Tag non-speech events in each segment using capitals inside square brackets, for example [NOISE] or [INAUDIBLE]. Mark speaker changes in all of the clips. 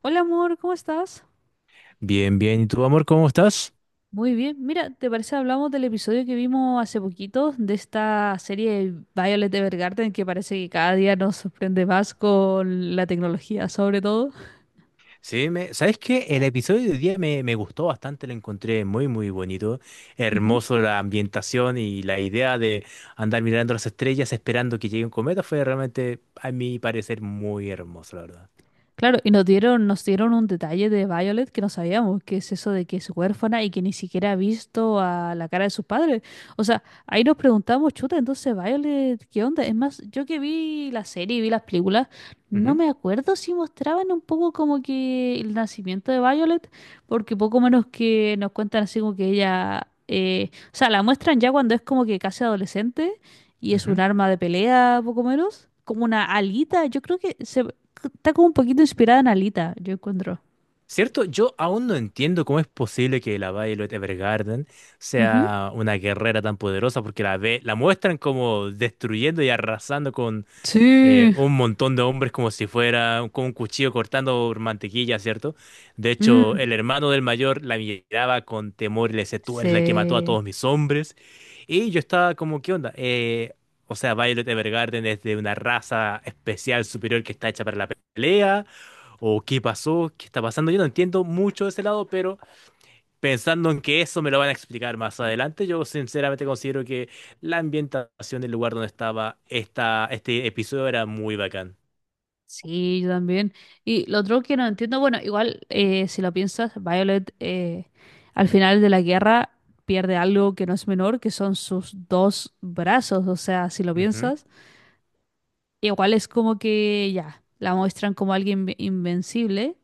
Speaker 1: Hola amor, ¿cómo estás?
Speaker 2: Bien, bien. ¿Y tú, amor, cómo estás?
Speaker 1: Muy bien. Mira, ¿te parece hablamos del episodio que vimos hace poquito de esta serie Violet Evergarden que parece que cada día nos sorprende más con la tecnología, sobre todo?
Speaker 2: Sí, ¿sabes qué? El episodio de hoy día me gustó bastante, lo encontré muy, muy bonito.
Speaker 1: Ujú.
Speaker 2: Hermoso la ambientación y la idea de andar mirando las estrellas esperando que llegue un cometa fue realmente, a mi parecer, muy hermoso, la verdad.
Speaker 1: Claro, y nos dieron un detalle de Violet que no sabíamos, que es eso de que es huérfana y que ni siquiera ha visto a la cara de sus padres. O sea, ahí nos preguntamos, chuta, entonces Violet, ¿qué onda? Es más, yo que vi la serie y vi las películas, no
Speaker 2: Ujú,
Speaker 1: me acuerdo si mostraban un poco como que el nacimiento de Violet, porque poco menos que nos cuentan así como que ella, o sea, la muestran ya cuando es como que casi adolescente y es un
Speaker 2: ujú.
Speaker 1: arma de pelea, poco menos, como una alita. Yo creo que se, está como un poquito inspirada en Alita, yo encuentro.
Speaker 2: Cierto, yo aún no entiendo cómo es posible que la Violet Evergarden
Speaker 1: Ujú.
Speaker 2: sea una guerrera tan poderosa, porque la muestran como destruyendo y arrasando con
Speaker 1: Sí.
Speaker 2: un montón de hombres como si fuera con un cuchillo cortando mantequilla, ¿cierto? De hecho,
Speaker 1: Mm,
Speaker 2: el hermano del mayor la miraba con temor y le decía, tú eres la que mató a
Speaker 1: sí,
Speaker 2: todos mis hombres. Y yo estaba como, ¿qué onda? O sea, Violet Evergarden es de una raza especial superior que está hecha para la pelea, o qué pasó, qué está pasando. Yo no entiendo mucho de ese lado, pero pensando en que eso me lo van a explicar más adelante, yo sinceramente considero que la ambientación del lugar donde estaba este episodio era muy bacán.
Speaker 1: sí, yo también. Y lo otro que no entiendo, bueno, igual si lo piensas, Violet al final de la guerra pierde algo que no es menor, que son sus dos brazos. O sea, si lo
Speaker 2: Ujú.
Speaker 1: piensas, igual es como que ya, la muestran como alguien invencible,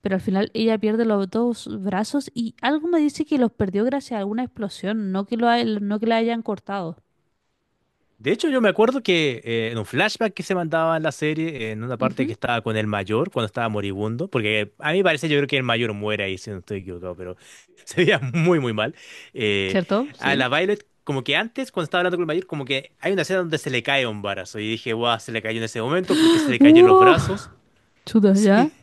Speaker 1: pero al final ella pierde los dos brazos y algo me dice que los perdió gracias a alguna explosión, no que lo, no que la hayan cortado.
Speaker 2: De hecho, yo me acuerdo que en un flashback que se mandaba en la serie, en una parte que
Speaker 1: Ujú.
Speaker 2: estaba con el mayor, cuando estaba moribundo, porque a mí parece, yo creo que el mayor muere ahí, si no estoy equivocado, pero [LAUGHS] se veía muy, muy mal. Eh,
Speaker 1: ¿Cierto?
Speaker 2: a
Speaker 1: Sí.
Speaker 2: la Violet, como que antes, cuando estaba hablando con el mayor, como que hay una escena donde se le cae un brazo, y dije, guau, se le cayó en ese momento porque se le cayeron los
Speaker 1: ¡Uh!
Speaker 2: brazos. [LAUGHS]
Speaker 1: Chuta, ¿ya?
Speaker 2: Sí,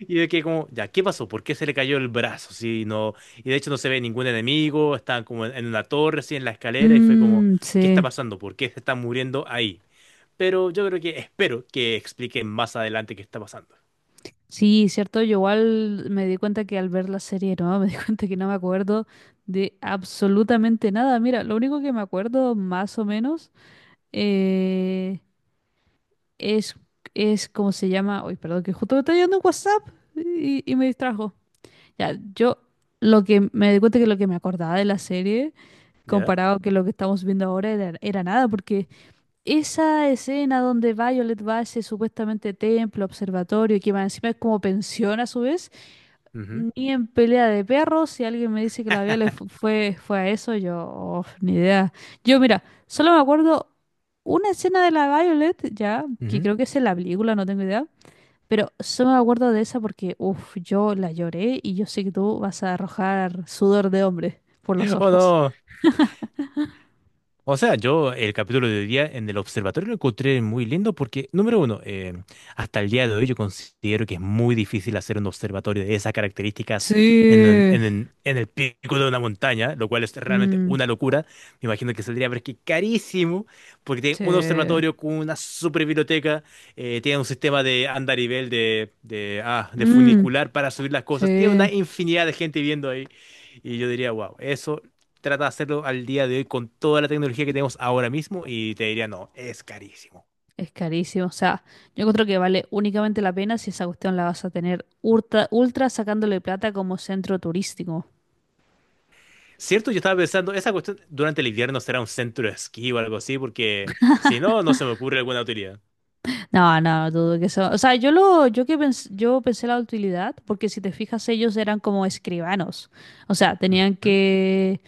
Speaker 2: y de que como, ya, ¿qué pasó? ¿Por qué se le cayó el brazo? Sí, no, y de hecho no se ve ningún enemigo, están como en una torre, así en la escalera, y fue como,
Speaker 1: Mm,
Speaker 2: ¿qué está
Speaker 1: sí.
Speaker 2: pasando? ¿Por qué se está muriendo ahí? Pero yo creo que espero que expliquen más adelante qué está pasando.
Speaker 1: Sí, cierto. Yo igual me di cuenta que al ver la serie, no, me di [LAUGHS] cuenta que no me acuerdo de absolutamente nada. Mira, lo único que me acuerdo más o menos eh, es, es cómo se llama. Uy, perdón, que justo me está llegando un WhatsApp y me distrajo. Ya, yo lo que me di cuenta que lo que me acordaba de la serie,
Speaker 2: Ya.
Speaker 1: comparado que lo que estamos viendo ahora, era, era nada, porque esa escena donde Violet va a ese supuestamente templo, observatorio, que más encima es como pensión a su vez,
Speaker 2: Ujú,
Speaker 1: ni en pelea de perros, si alguien me dice que la Violet fue a eso, yo, oh, ni idea. Yo, mira, solo me acuerdo una escena de la Violet, ya, que
Speaker 2: ujú.
Speaker 1: creo que es en la película, no tengo idea, pero solo me acuerdo de esa porque, uff, yo la lloré y yo sé que tú vas a arrojar sudor de hombre por los
Speaker 2: Oh,
Speaker 1: ojos.
Speaker 2: no. O sea, yo el capítulo de hoy día en el observatorio lo encontré muy lindo porque, número uno, hasta el día de hoy yo considero que es muy difícil hacer un observatorio de esas características en, un-
Speaker 1: Sí.
Speaker 2: en el pico de una montaña, lo cual es realmente
Speaker 1: Mm,
Speaker 2: una locura. Me imagino que saldría, pero es que carísimo, porque tiene un
Speaker 1: sí.
Speaker 2: observatorio con una super biblioteca, tiene un sistema de andarivel, de
Speaker 1: Mm.
Speaker 2: funicular para subir las cosas, tiene una
Speaker 1: Sí,
Speaker 2: infinidad de gente viviendo ahí. Y yo diría, wow, eso trata de hacerlo al día de hoy con toda la tecnología que tenemos ahora mismo y te diría, no, es carísimo.
Speaker 1: es carísimo. O sea, yo encuentro que vale únicamente la pena si esa cuestión la vas a tener ultra, ultra sacándole plata como centro turístico.
Speaker 2: Cierto, yo estaba pensando, esa cuestión durante el invierno será un centro de esquí o algo así, porque si no, no se me ocurre alguna utilidad.
Speaker 1: No, no, dudo que eso. O sea, yo que yo pensé la utilidad, porque si te fijas, ellos eran como escribanos. O sea, tenían
Speaker 2: Ujú.
Speaker 1: que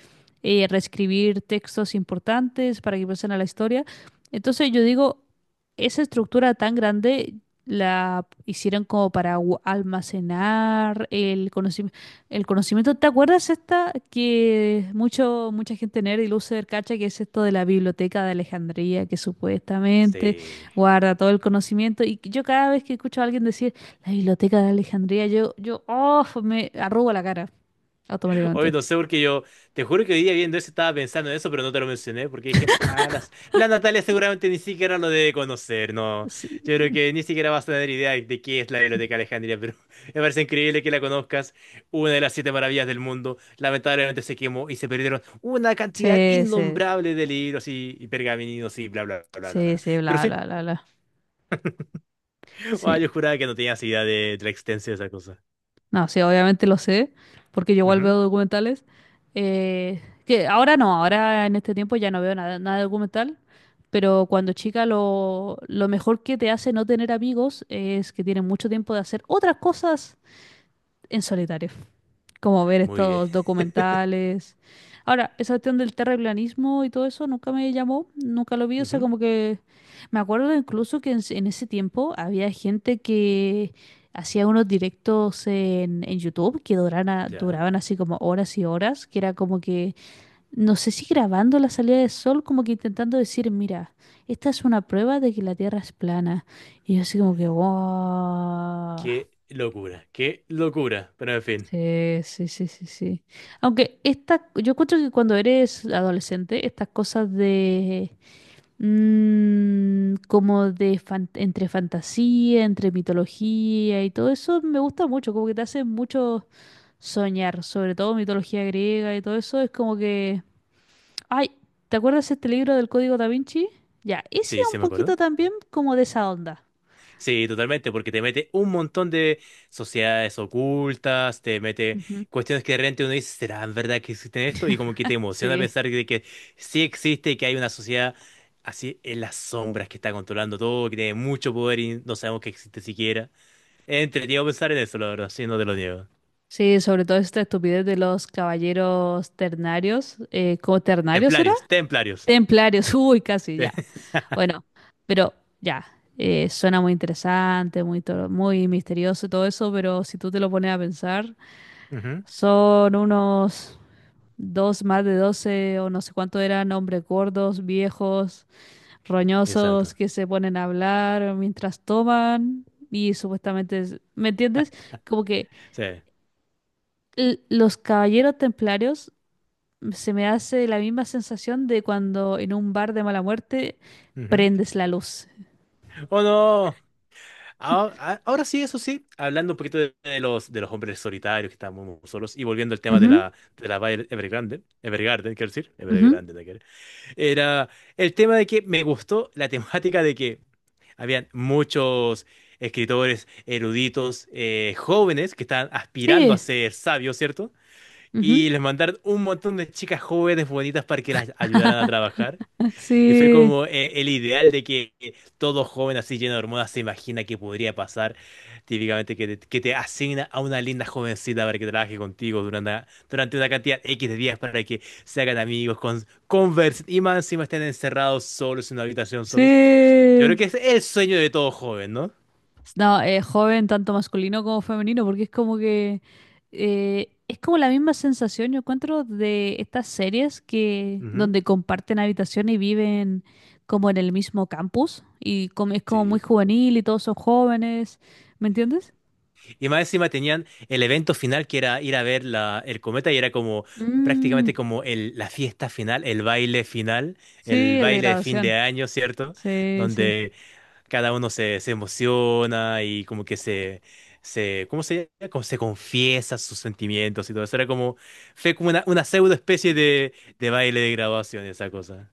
Speaker 1: reescribir textos importantes para que pasen a la historia. Entonces yo digo, esa estructura tan grande la hicieron como para almacenar el conocimiento. El conocimiento. ¿Te acuerdas esta que mucho, mucha gente nerd y loser cacha que es esto de la biblioteca de Alejandría, que supuestamente
Speaker 2: Sí.
Speaker 1: guarda todo el conocimiento? Y yo cada vez que escucho a alguien decir la biblioteca de Alejandría, yo, oh, me arrugo la cara
Speaker 2: Hoy
Speaker 1: automáticamente.
Speaker 2: no sé porque yo, te juro que hoy día viendo eso estaba pensando en eso, pero no te lo mencioné porque dije, ah, la Natalia seguramente ni siquiera lo debe conocer, no.
Speaker 1: Sí,
Speaker 2: Yo creo que ni siquiera vas a tener idea de qué es la Biblioteca Alejandría, pero [LAUGHS] me parece increíble que la conozcas, una de las siete maravillas del mundo. Lamentablemente se quemó y se perdieron una cantidad
Speaker 1: sí, sí,
Speaker 2: innombrable de libros y pergaminos y bla, bla, bla, bla, bla.
Speaker 1: sí,
Speaker 2: bla.
Speaker 1: sí,
Speaker 2: Pero
Speaker 1: bla,
Speaker 2: sí,
Speaker 1: bla, bla, bla.
Speaker 2: [LAUGHS] ah, yo
Speaker 1: Sí.
Speaker 2: juraba que no tenías idea de la extensión de esa cosa.
Speaker 1: No, sí, obviamente lo sé, porque yo igual
Speaker 2: Ujú.
Speaker 1: veo documentales. Que ahora no, ahora en este tiempo ya no veo nada, nada de documental. Pero cuando chica lo mejor que te hace no tener amigos es que tienes mucho tiempo de hacer otras cosas en solitario, como ver
Speaker 2: Muy bien.
Speaker 1: estos documentales. Ahora, esa cuestión del terraplanismo y todo eso nunca me llamó, nunca lo vi, o sea,
Speaker 2: Ujú.
Speaker 1: como que me acuerdo incluso que en, en ese tiempo había gente que hacía unos directos en YouTube que duraban,
Speaker 2: Ya.
Speaker 1: duraban así como horas y horas, que era como que, no sé si grabando la salida del sol, como que intentando decir, mira, esta es una prueba de que la Tierra es plana. Y yo así como que, wow.
Speaker 2: Qué locura, qué locura. Pero en fin,
Speaker 1: Sí, sí, sí, sí, sí. Aunque esta, yo encuentro que cuando eres adolescente, estas cosas de entre fantasía, entre mitología y todo eso me gusta mucho, como que te hace mucho soñar, sobre todo mitología griega y todo eso, es como que, ay, ¿te acuerdas este libro del Código Da Vinci? Ya, ese
Speaker 2: sí,
Speaker 1: es un
Speaker 2: se me acordó.
Speaker 1: poquito también como de esa onda.
Speaker 2: Sí, totalmente, porque te mete un montón de sociedades ocultas, te mete
Speaker 1: Ujú.
Speaker 2: cuestiones que de repente uno dice, ¿será verdad que existe esto? Y como que te emociona
Speaker 1: Sí.
Speaker 2: pensar de que sí existe y que hay una sociedad así en las sombras que está controlando todo, que tiene mucho poder y no sabemos que existe siquiera. Es entretenido pensar en eso, la verdad, sí, no te lo niego.
Speaker 1: Sí, sobre todo esta estupidez de los caballeros ternarios. ¿Cómo ternarios era?
Speaker 2: Templarios, templarios.
Speaker 1: Templarios, [LAUGHS] uy, casi ya.
Speaker 2: [LAUGHS]
Speaker 1: Bueno, pero ya, suena muy interesante, muy, muy misterioso y todo eso, pero si tú te lo pones a pensar,
Speaker 2: Ujú.
Speaker 1: son unos dos, más de 12 o no sé cuánto eran hombres gordos, viejos, roñosos,
Speaker 2: Exacto.
Speaker 1: que se ponen a hablar mientras toman y supuestamente, ¿me entiendes? Como que
Speaker 2: Sí.
Speaker 1: los caballeros templarios se me hace la misma sensación de cuando en un bar de mala muerte
Speaker 2: Ujú.
Speaker 1: prendes la luz.
Speaker 2: ¡Oh, no! Ahora sí, eso sí, hablando un poquito de los hombres solitarios que están muy, muy solos y volviendo al tema
Speaker 1: Ujú,
Speaker 2: de la Evergarden, quiero decir,
Speaker 1: ujú.
Speaker 2: Evergrande, nada que ver. Era el tema de que me gustó la temática de que habían muchos escritores eruditos jóvenes que estaban aspirando a
Speaker 1: Sí,
Speaker 2: ser sabios, ¿cierto?
Speaker 1: ujú,
Speaker 2: Y les mandaron un montón de chicas jóvenes bonitas para que las ayudaran a trabajar.
Speaker 1: [LAUGHS]
Speaker 2: Y fue
Speaker 1: sí,
Speaker 2: como el ideal de que todo joven así lleno de hormonas se imagina que podría pasar. Típicamente que que te asigna a una linda jovencita para que trabaje contigo durante una cantidad X de días para que se hagan amigos, conversen y más encima estén encerrados solos en una habitación solos. Yo creo
Speaker 1: sí.
Speaker 2: que es el sueño de todo joven, ¿no?
Speaker 1: No, joven, tanto masculino como femenino, porque es como que es como la misma sensación, yo encuentro, de estas series que
Speaker 2: Ujú.
Speaker 1: donde comparten habitación y viven como en el mismo campus y como, es como muy
Speaker 2: Sí.
Speaker 1: juvenil y todos son jóvenes, ¿me entiendes?
Speaker 2: Y más encima tenían el evento final que era ir a ver el cometa y era como
Speaker 1: Mm,
Speaker 2: prácticamente como la fiesta final, el
Speaker 1: sí, el de
Speaker 2: baile de fin de
Speaker 1: graduación.
Speaker 2: año, ¿cierto?
Speaker 1: Sí, sí.
Speaker 2: Donde cada uno se emociona y como que ¿cómo se llama? Como se confiesa sus sentimientos y todo eso. Era como, fue como una pseudo especie de baile de graduación, esa cosa.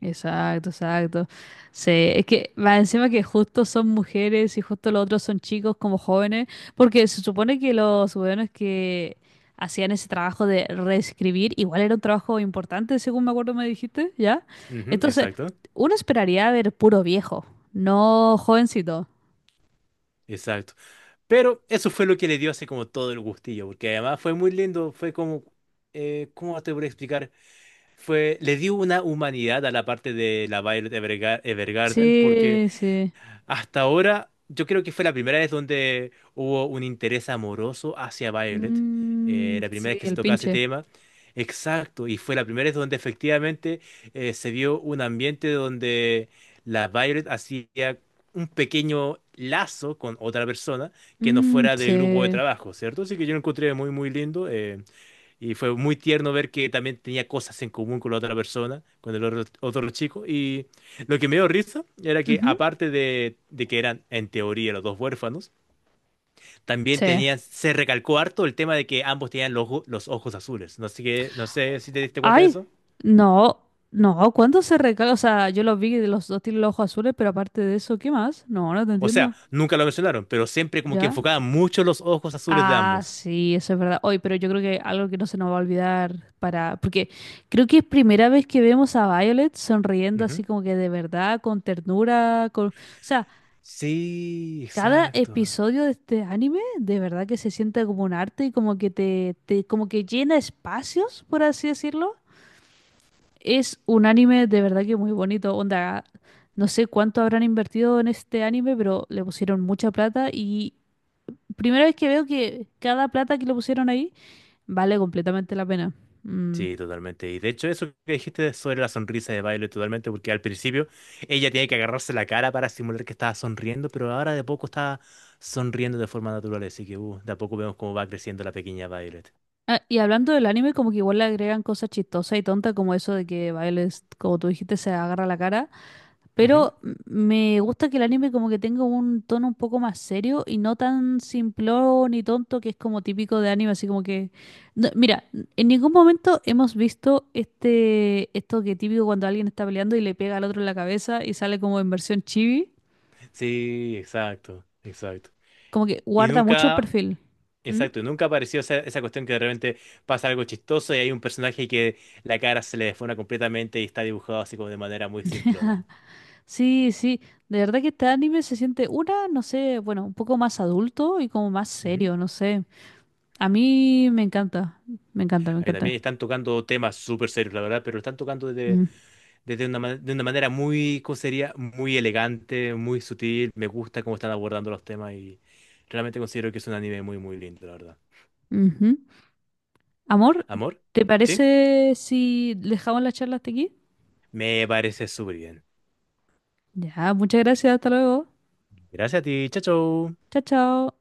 Speaker 1: Exacto, exacto. Sí, es que más encima que justo son mujeres y justo los otros son chicos como jóvenes, porque se supone que los jóvenes que hacían ese trabajo de reescribir, igual era un trabajo importante, según me acuerdo me dijiste, ¿ya?
Speaker 2: Ujú,
Speaker 1: Entonces,
Speaker 2: exacto,
Speaker 1: uno esperaría ver puro viejo, no jovencito.
Speaker 2: exacto. Pero eso fue lo que le dio así como todo el gustillo, porque además fue muy lindo, fue como, ¿cómo te voy a explicar? Fue, le dio una humanidad a la parte de la Evergarden, porque
Speaker 1: Sí, sí.
Speaker 2: hasta ahora, yo creo que fue la primera vez donde hubo un interés amoroso hacia Violet.
Speaker 1: Mm,
Speaker 2: La primera vez
Speaker 1: sí,
Speaker 2: que se
Speaker 1: el
Speaker 2: tocaba ese
Speaker 1: pinche.
Speaker 2: tema. Exacto, y fue la primera vez donde efectivamente se vio un ambiente donde la Violet hacía un pequeño lazo con otra persona que no
Speaker 1: Mm,
Speaker 2: fuera del grupo de
Speaker 1: sí.
Speaker 2: trabajo, ¿cierto? Así que yo lo encontré muy, muy lindo. Eh, y fue muy tierno ver que también tenía cosas en común con la otra persona, con otro chico. Y lo que me dio risa era que,
Speaker 1: Ujú,
Speaker 2: aparte de que eran, en teoría, los dos huérfanos, también
Speaker 1: sí.
Speaker 2: tenían, se recalcó harto el tema de que ambos tenían los ojos azules. No sé, no sé si te diste cuenta de
Speaker 1: Ay,
Speaker 2: eso.
Speaker 1: no, no, ¿cuándo se recarga? O sea, yo los vi de los dos tienen los ojos azules, pero aparte de eso, ¿qué más? No, no te
Speaker 2: O sea,
Speaker 1: entiendo.
Speaker 2: nunca lo mencionaron, pero siempre como que
Speaker 1: ¿Ya?
Speaker 2: enfocaban mucho los ojos azules de
Speaker 1: Ah,
Speaker 2: ambos.
Speaker 1: sí, eso es verdad. Hoy, pero yo creo que algo que no se nos va a olvidar para. Porque creo que es primera vez que vemos a Violet sonriendo
Speaker 2: Ujú.
Speaker 1: así como que de verdad, con ternura, con. O sea,
Speaker 2: Sí,
Speaker 1: cada
Speaker 2: exacto.
Speaker 1: episodio de este anime de verdad que se siente como un arte y como que te como que llena espacios, por así decirlo. Es un anime de verdad que muy bonito. Onda, no sé cuánto habrán invertido en este anime, pero le pusieron mucha plata y primera vez que veo que cada plata que le pusieron ahí vale completamente la pena. Mm.
Speaker 2: Sí, totalmente. Y de hecho, eso que dijiste sobre la sonrisa de baile, totalmente, porque al principio ella tiene que agarrarse la cara para simular que estaba sonriendo, pero ahora de poco está sonriendo de forma natural, así que de a poco vemos cómo va creciendo la pequeña Violet.
Speaker 1: Ah, y hablando del anime, como que igual le agregan cosas chistosas y tontas, como eso de que Violet, como tú dijiste, se agarra la cara.
Speaker 2: Ujú.
Speaker 1: Pero me gusta que el anime como que tenga un tono un poco más serio y no tan simplón y tonto que es como típico de anime, así como que... No, mira, en ningún momento hemos visto este esto que típico cuando alguien está peleando y le pega al otro en la cabeza y sale como en versión chibi,
Speaker 2: Sí, exacto, exacto.
Speaker 1: como que
Speaker 2: Y
Speaker 1: guarda mucho el
Speaker 2: nunca,
Speaker 1: perfil. ¿Mm?
Speaker 2: exacto, y nunca apareció esa, esa cuestión que de repente pasa algo chistoso y hay un personaje que la cara se le desfona completamente y está dibujado así como de manera muy
Speaker 1: [LAUGHS]
Speaker 2: simplona.
Speaker 1: Sí, sí, de verdad que este anime se siente una, no sé, bueno, un poco más adulto y como más
Speaker 2: Ujú.
Speaker 1: serio, no sé. A mí me encanta, me encanta, me
Speaker 2: Ahí también
Speaker 1: encanta.
Speaker 2: están tocando temas súper serios, la verdad, pero lo están tocando
Speaker 1: Mm,
Speaker 2: desde de una manera muy, ¿cómo sería? Muy elegante, muy sutil. Me gusta cómo están abordando los temas y realmente considero que es un anime muy, muy lindo, la verdad.
Speaker 1: ujú. Amor,
Speaker 2: ¿Amor?
Speaker 1: ¿te
Speaker 2: ¿Sí?
Speaker 1: parece si dejamos la charla hasta aquí?
Speaker 2: Me parece súper bien.
Speaker 1: Ya, muchas gracias, hasta luego.
Speaker 2: Gracias a ti. Chao, chao.
Speaker 1: Chao, chao.